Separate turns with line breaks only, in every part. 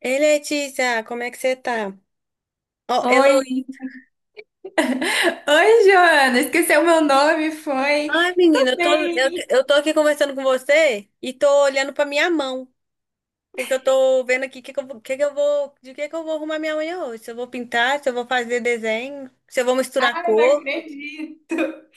Ei, Letícia, como é que você tá? Ó,
Oi,
Heloísa.
oi, Joana, esqueceu meu nome, foi?
Ai,
Eu tô
menina, eu tô, eu,
bem.
eu tô aqui conversando com você e tô olhando pra minha mão, porque eu tô vendo aqui que eu, vou- que eu vou, de que eu vou arrumar minha unha hoje. Se eu vou pintar, se eu vou fazer desenho, se eu vou misturar
Ai, não
cor.
acredito.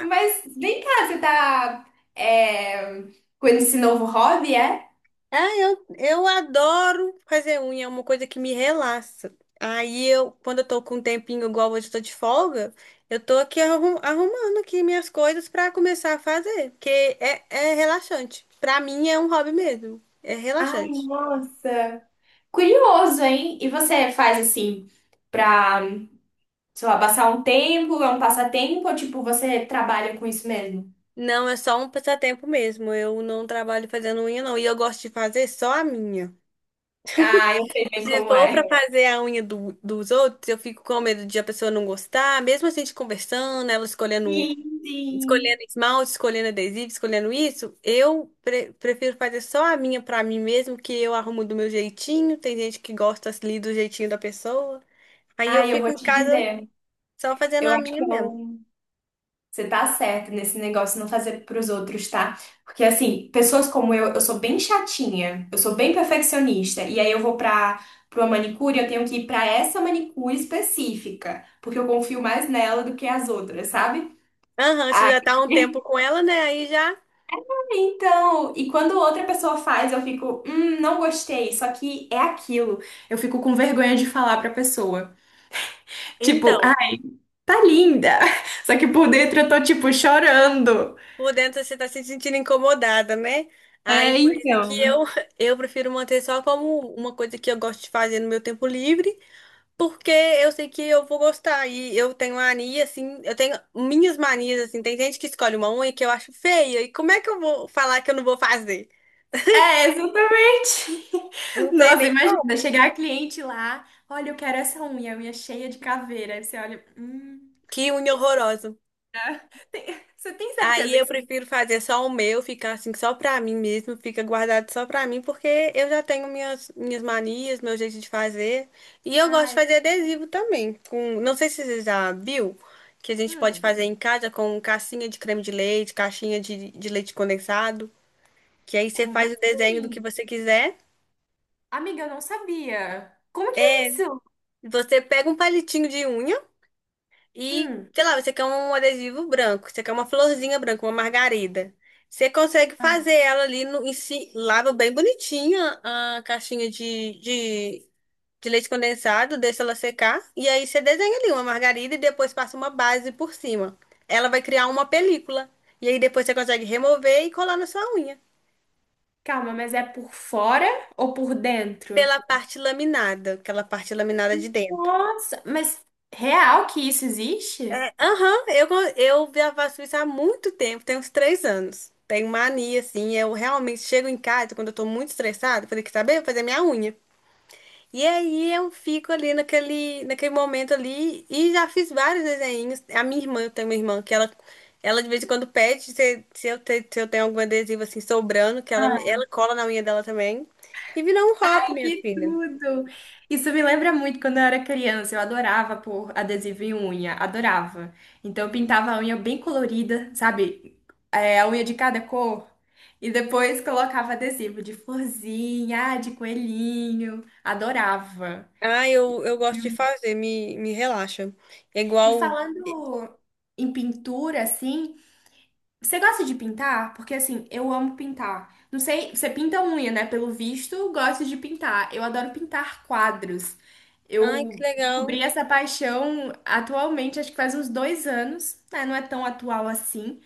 Mas vem cá, você tá é, com esse novo hobby, é?
Ah, eu adoro fazer unha, é uma coisa que me relaxa. Aí eu, quando eu tô com um tempinho igual hoje, eu tô de folga, eu tô aqui arrumando aqui minhas coisas pra começar a fazer, porque é relaxante. Pra mim é um hobby mesmo, é
Ai,
relaxante.
nossa. Curioso, hein? E você faz assim pra, sei lá, passar um tempo, é um passatempo, ou tipo, você trabalha com isso mesmo?
Não, é só um passatempo mesmo, eu não trabalho fazendo unha não, e eu gosto de fazer só a minha.
Ah, eu sei bem
Se
como
for pra
é.
fazer a unha dos outros, eu fico com medo de a pessoa não gostar, mesmo a gente conversando, ela escolhendo um
Sim, sim.
escolhendo esmalte, escolhendo adesivo, escolhendo isso, eu prefiro fazer só a minha pra mim mesmo, que eu arrumo do meu jeitinho. Tem gente que gosta ali do jeitinho da pessoa. Aí eu
Ai, eu
fico
vou
em
te
casa
dizer.
só fazendo
Eu
a
acho
minha
que
mesmo.
eu Você tá certa nesse negócio de não fazer pros outros, tá? Porque assim, pessoas como eu sou bem chatinha, eu sou bem perfeccionista, e aí eu vou pra para uma manicure, eu tenho que ir pra essa manicure específica, porque eu confio mais nela do que as outras, sabe?
Aham, você
Aí,
já tá há um tempo com ela, né? Aí já.
então, e quando outra pessoa faz, eu fico, não gostei, só que é aquilo. Eu fico com vergonha de falar pra pessoa. Tipo,
Então,
ah, tá linda. Só que por dentro eu tô tipo chorando.
por dentro você tá se sentindo incomodada, né? Aí
É,
por isso
então.
eu prefiro manter só como uma coisa que eu gosto de fazer no meu tempo livre. Porque eu sei que eu vou gostar. E eu tenho mania, assim, eu tenho minhas manias, assim. Tem gente que escolhe uma unha que eu acho feia. E como é que eu vou falar que eu não vou fazer?
É, exatamente.
Não tem
Nossa,
nem como.
imagina chegar a cliente lá, olha, eu quero essa unha, unha cheia de caveira. Aí você olha,
Que unha horrorosa.
ah, tem- você tem
Aí
certeza que
eu
você...
prefiro fazer só o meu, ficar assim, só pra mim mesmo, fica guardado só pra mim, porque eu já tenho minhas manias, meu jeito de fazer. E eu gosto de
Ai,
fazer adesivo também. Com, não sei se você já viu, que a gente pode
hum,
fazer em casa com cassinha de creme de leite, caixinha de leite condensado, que aí você
como
faz o desenho do que
assim?
você quiser.
Amiga, eu não sabia. Como que é
É,
isso?
você pega um palitinho de unha e,
Hum,
sei lá, você quer um adesivo branco, você quer uma florzinha branca, uma margarida. Você consegue
ah,
fazer ela ali no, em si, lava bem bonitinha a caixinha de leite condensado, deixa ela secar, e aí você desenha ali uma margarida e depois passa uma base por cima. Ela vai criar uma película, e aí depois você consegue remover e colar na sua unha.
calma, mas é por fora ou por dentro?
Pela parte laminada, aquela parte laminada de dentro.
Nossa, mas real que isso existe?
É, aham, eu já faço isso há muito tempo, tem uns três anos. Tenho mania, assim, eu realmente chego em casa quando eu tô muito estressada, falei que saber, eu vou fazer minha unha. E aí eu fico ali naquele momento ali e já fiz vários desenhos. A minha irmã, eu tenho uma irmã ela de vez em quando pede se eu tenho algum adesivo assim sobrando, que ela cola na unha dela também. E virou um hobby, minha
Que
filha.
tudo! Isso me lembra muito quando eu era criança. Eu adorava pôr adesivo em unha, adorava. Então eu pintava a unha bem colorida, sabe? É, a unha de cada cor. E depois colocava adesivo de florzinha, ah, de coelhinho. Adorava.
Ah, eu gosto de fazer, me relaxa. É
E
igual.
falando em pintura, assim. Você gosta de pintar? Porque assim, eu amo pintar. Não sei, você pinta unha, né? Pelo visto, gosto de pintar. Eu adoro pintar quadros.
Ai, que
Eu
legal.
descobri essa paixão atualmente, acho que faz uns 2 anos, né? Não é tão atual assim,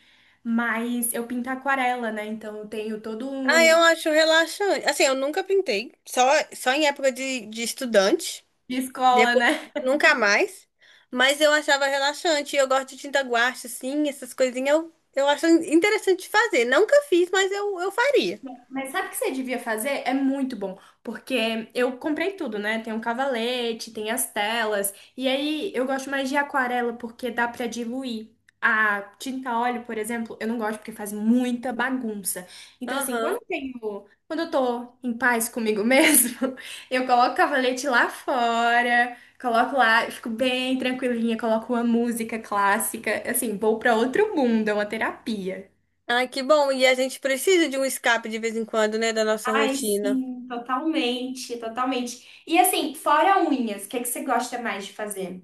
mas eu pinto aquarela, né? Então eu tenho todo
Ah,
um
eu acho relaxante. Assim, eu nunca pintei, só, só em época de estudante,
de escola,
depois
né?
nunca mais, mas eu achava relaxante. Eu gosto de tinta guache, assim, essas coisinhas eu acho interessante de fazer. Nunca fiz, mas eu faria.
Mas sabe o que você devia fazer? É muito bom, porque eu comprei tudo, né? Tem um cavalete, tem as telas, e aí eu gosto mais de aquarela porque dá pra diluir. A tinta óleo, por exemplo, eu não gosto porque faz muita bagunça. Então, assim, quando
Aham.
eu tenho, quando eu tô em paz comigo mesmo, eu coloco o cavalete lá fora, coloco lá, eu fico bem tranquilinha, coloco uma música clássica, assim, vou pra outro mundo, é uma terapia.
Ai, que bom. E a gente precisa de um escape de vez em quando, né, da nossa
Ai,
rotina.
sim, totalmente, totalmente. E assim, fora unhas, o que é que você gosta mais de fazer?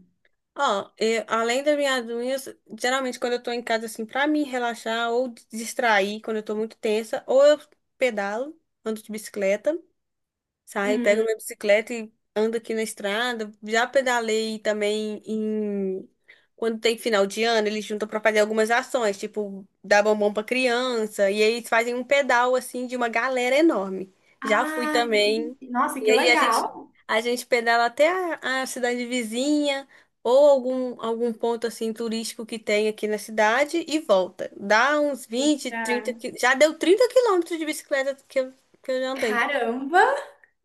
Ó, além das minhas unhas, geralmente quando eu tô em casa, assim, pra me relaxar ou distrair quando eu tô muito tensa, ou eu pedalo, ando de bicicleta. Saio, pego
Hum.
minha bicicleta e ando aqui na estrada. Já pedalei também em... Quando tem final de ano, eles juntam para fazer algumas ações, tipo dar bombom para criança, e aí eles fazem um pedal assim de uma galera enorme. Já fui
Ah,
também.
entendi. Nossa,
E
que
aí a gente
legal.
a gente pedala até a cidade vizinha ou algum ponto assim turístico que tem aqui na cidade e volta. Dá uns vinte
Já.
30 já deu 30 quilômetros de bicicleta que eu já andei.
Caramba!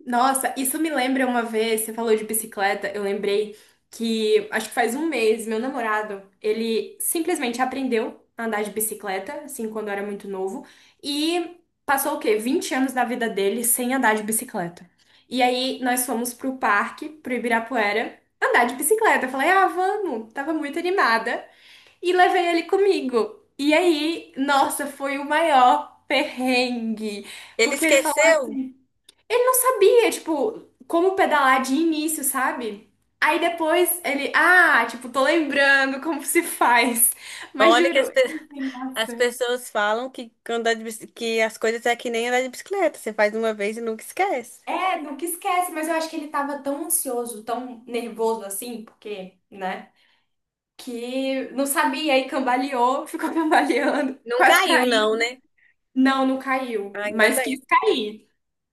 Nossa, isso me lembra uma vez, você falou de bicicleta, eu lembrei que acho que faz um mês, meu namorado, ele simplesmente aprendeu a andar de bicicleta, assim, quando era muito novo, e passou o quê? 20 anos da vida dele sem andar de bicicleta. E aí nós fomos pro parque, pro Ibirapuera, andar de bicicleta. Eu falei, ah, vamos, tava muito animada, e levei ele comigo. E aí, nossa, foi o maior perrengue,
Ele
porque ele falou
esqueceu?
assim, ele não sabia, tipo, como pedalar de início, sabe? Aí depois ele, ah, tipo, tô lembrando como se faz. Mas
Olha
juro, eu pensei,
as
nossa.
pessoas falam que, andar que as coisas é que nem andar de bicicleta. Você faz uma vez e nunca esquece.
É, nunca esquece, mas eu acho que ele tava tão ansioso, tão nervoso assim, porque, né? Que não sabia e cambaleou, ficou cambaleando,
Não
quase
caiu,
caiu.
não, né?
Não, não caiu,
Ainda
mas
bem.
quis cair.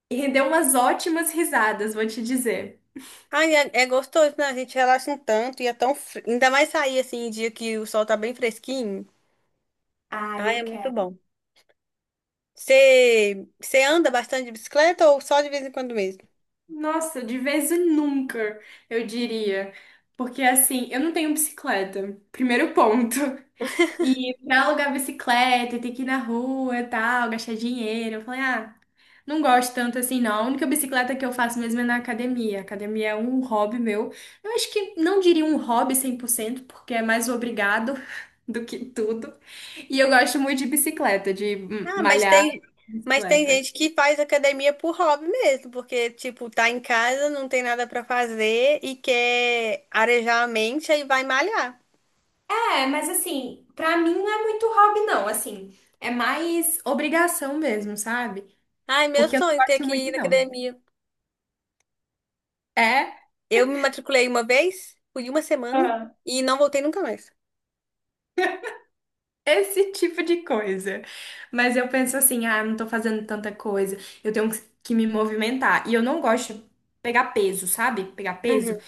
E rendeu umas ótimas risadas, vou te dizer.
Ai, é, é gostoso, né? A gente relaxa um tanto e é ainda mais sair assim, em dia que o sol tá bem fresquinho.
Ah,
Ai,
eu
é muito
quero.
bom. Você anda bastante de bicicleta ou só de vez em quando mesmo?
Nossa, de vez em nunca, eu diria. Porque assim, eu não tenho bicicleta, primeiro ponto. E pra alugar bicicleta, ter que ir na rua e tal, gastar dinheiro. Eu falei, ah, não gosto tanto assim, não. A única bicicleta que eu faço mesmo é na academia. Academia é um hobby meu. Eu acho que não diria um hobby 100%, porque é mais obrigado do que tudo. E eu gosto muito de bicicleta, de
Ah, mas
malhar
tem, mas tem
bicicleta.
gente que faz academia por hobby mesmo, porque, tipo, tá em casa, não tem nada pra fazer e quer arejar a mente, aí vai malhar.
É, mas assim, pra mim não é muito hobby, não. Assim, é mais obrigação mesmo, sabe?
Ai, meu
Porque eu não
sonho é ter
gosto
que ir
muito,
na
não.
academia.
É.
Eu me matriculei uma vez, fui uma semana
Ah.
e não voltei nunca mais.
Esse tipo de coisa. Mas eu penso assim, ah, não tô fazendo tanta coisa. Eu tenho que me movimentar. E eu não gosto de pegar peso, sabe? Pegar
Uhum.
peso.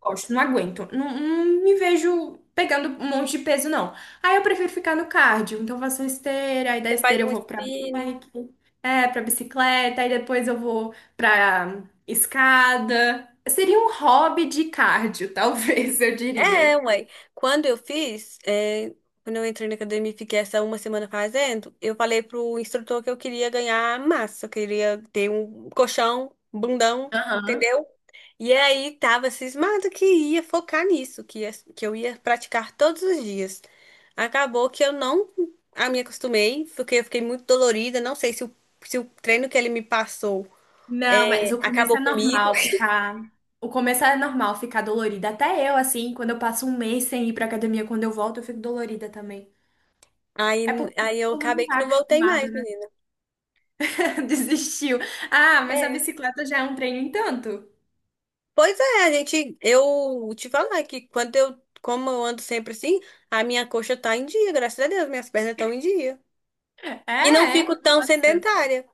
Gosto, não aguento. Não, não me vejo pegando um monte de peso, não. Aí eu prefiro ficar no cardio. Então eu faço esteira, aí da
Você faz
esteira eu
um
vou pra
spinning.
bike, pra bicicleta, aí depois eu vou pra escada. Seria um hobby de cardio, talvez, eu
É,
diria.
ué. Quando eu fiz, é, quando eu entrei na academia e fiquei essa uma semana fazendo, eu falei pro instrutor que eu queria ganhar massa, eu queria ter um colchão, bundão.
Aham.
Entendeu? E aí tava cismado que ia focar nisso, que eu ia praticar todos os dias. Acabou que eu não a me acostumei, porque eu fiquei muito dolorida, não sei se o treino que ele me passou
Não, mas o começo
acabou
é
comigo.
normal ficar. O começo é normal ficar dolorida. Até eu, assim, quando eu passo um mês sem ir pra academia, quando eu volto, eu fico dolorida também.
Aí,
É porque o
aí eu
corpo não
acabei que
tá
não voltei
acostumado.
mais, menina.
Desistiu. Ah, mas a
É.
bicicleta já é um treino em tanto.
Pois é, eu te falar que quando eu, como eu ando sempre assim, a minha coxa tá em dia, graças a Deus, minhas pernas estão em dia.
É,
E não fico
é.
tão
Nossa.
sedentária.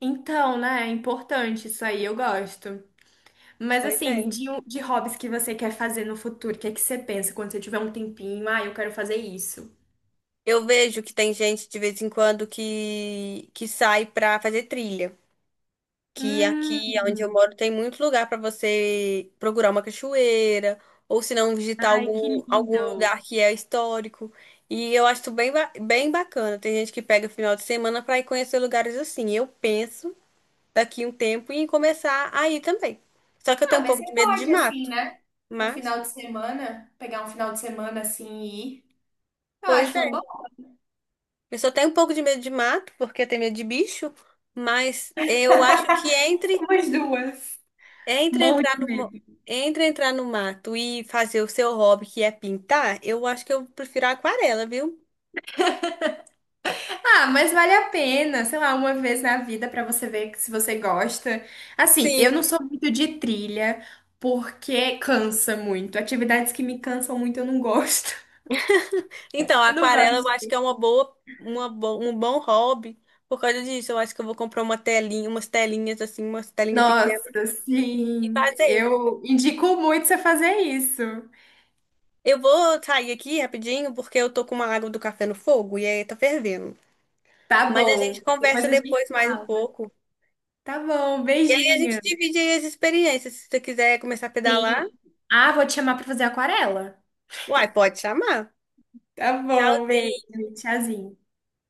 Então, né? É importante isso aí, eu gosto. Mas
Pois é.
assim, de hobbies que você quer fazer no futuro, o que é que você pensa quando você tiver um tempinho? Ah, eu quero fazer isso.
Eu vejo que tem gente de vez em quando que sai pra fazer trilha. Que
Hum,
aqui onde eu moro tem muito lugar pra você procurar uma cachoeira, ou se não, visitar
ai, que
algum
lindo.
lugar que é histórico. E eu acho bem bacana. Tem gente que pega final de semana pra ir conhecer lugares assim. Eu penso daqui um tempo em começar a ir também. Só que eu
Ah,
tenho um
mas
pouco
você
de medo de
pode, assim,
mato,
né? Um
mas.
final de semana, pegar um final de semana assim e ir. Eu
Pois
acho uma
é.
boa.
Eu só tenho um pouco de medo de mato, porque eu tenho medo de bicho, mas eu acho que entre,
Somos duas.
entre
Morro de
entrar no, mo-
medo.
entre entrar no mato e fazer o seu hobby, que é pintar, eu acho que eu prefiro a aquarela, viu?
Ah, mas vale a pena, sei lá, uma vez na vida pra você ver se você gosta. Assim, eu
Sim.
não sou muito de trilha porque cansa muito. Atividades que me cansam muito eu não gosto.
Então, a
Eu não
aquarela eu acho
gosto.
que é uma boa, um bom hobby. Por causa disso, eu acho que eu vou comprar uma telinha, umas telinhas pequenas
Nossa,
e
sim,
fazer.
eu indico muito você fazer isso.
Eu vou sair aqui rapidinho porque eu tô com uma água do café no fogo e aí tá fervendo.
Tá
Mas a
bom.
gente conversa
Depois a gente
depois mais um
fala.
pouco.
Tá bom,
A gente
beijinho.
divide aí as experiências. Se você quiser começar a pedalar,
Sim. Ah, vou te chamar pra fazer aquarela.
uai, pode chamar.
Tá bom, beijo.
Tchauzinho.
Tchauzinho.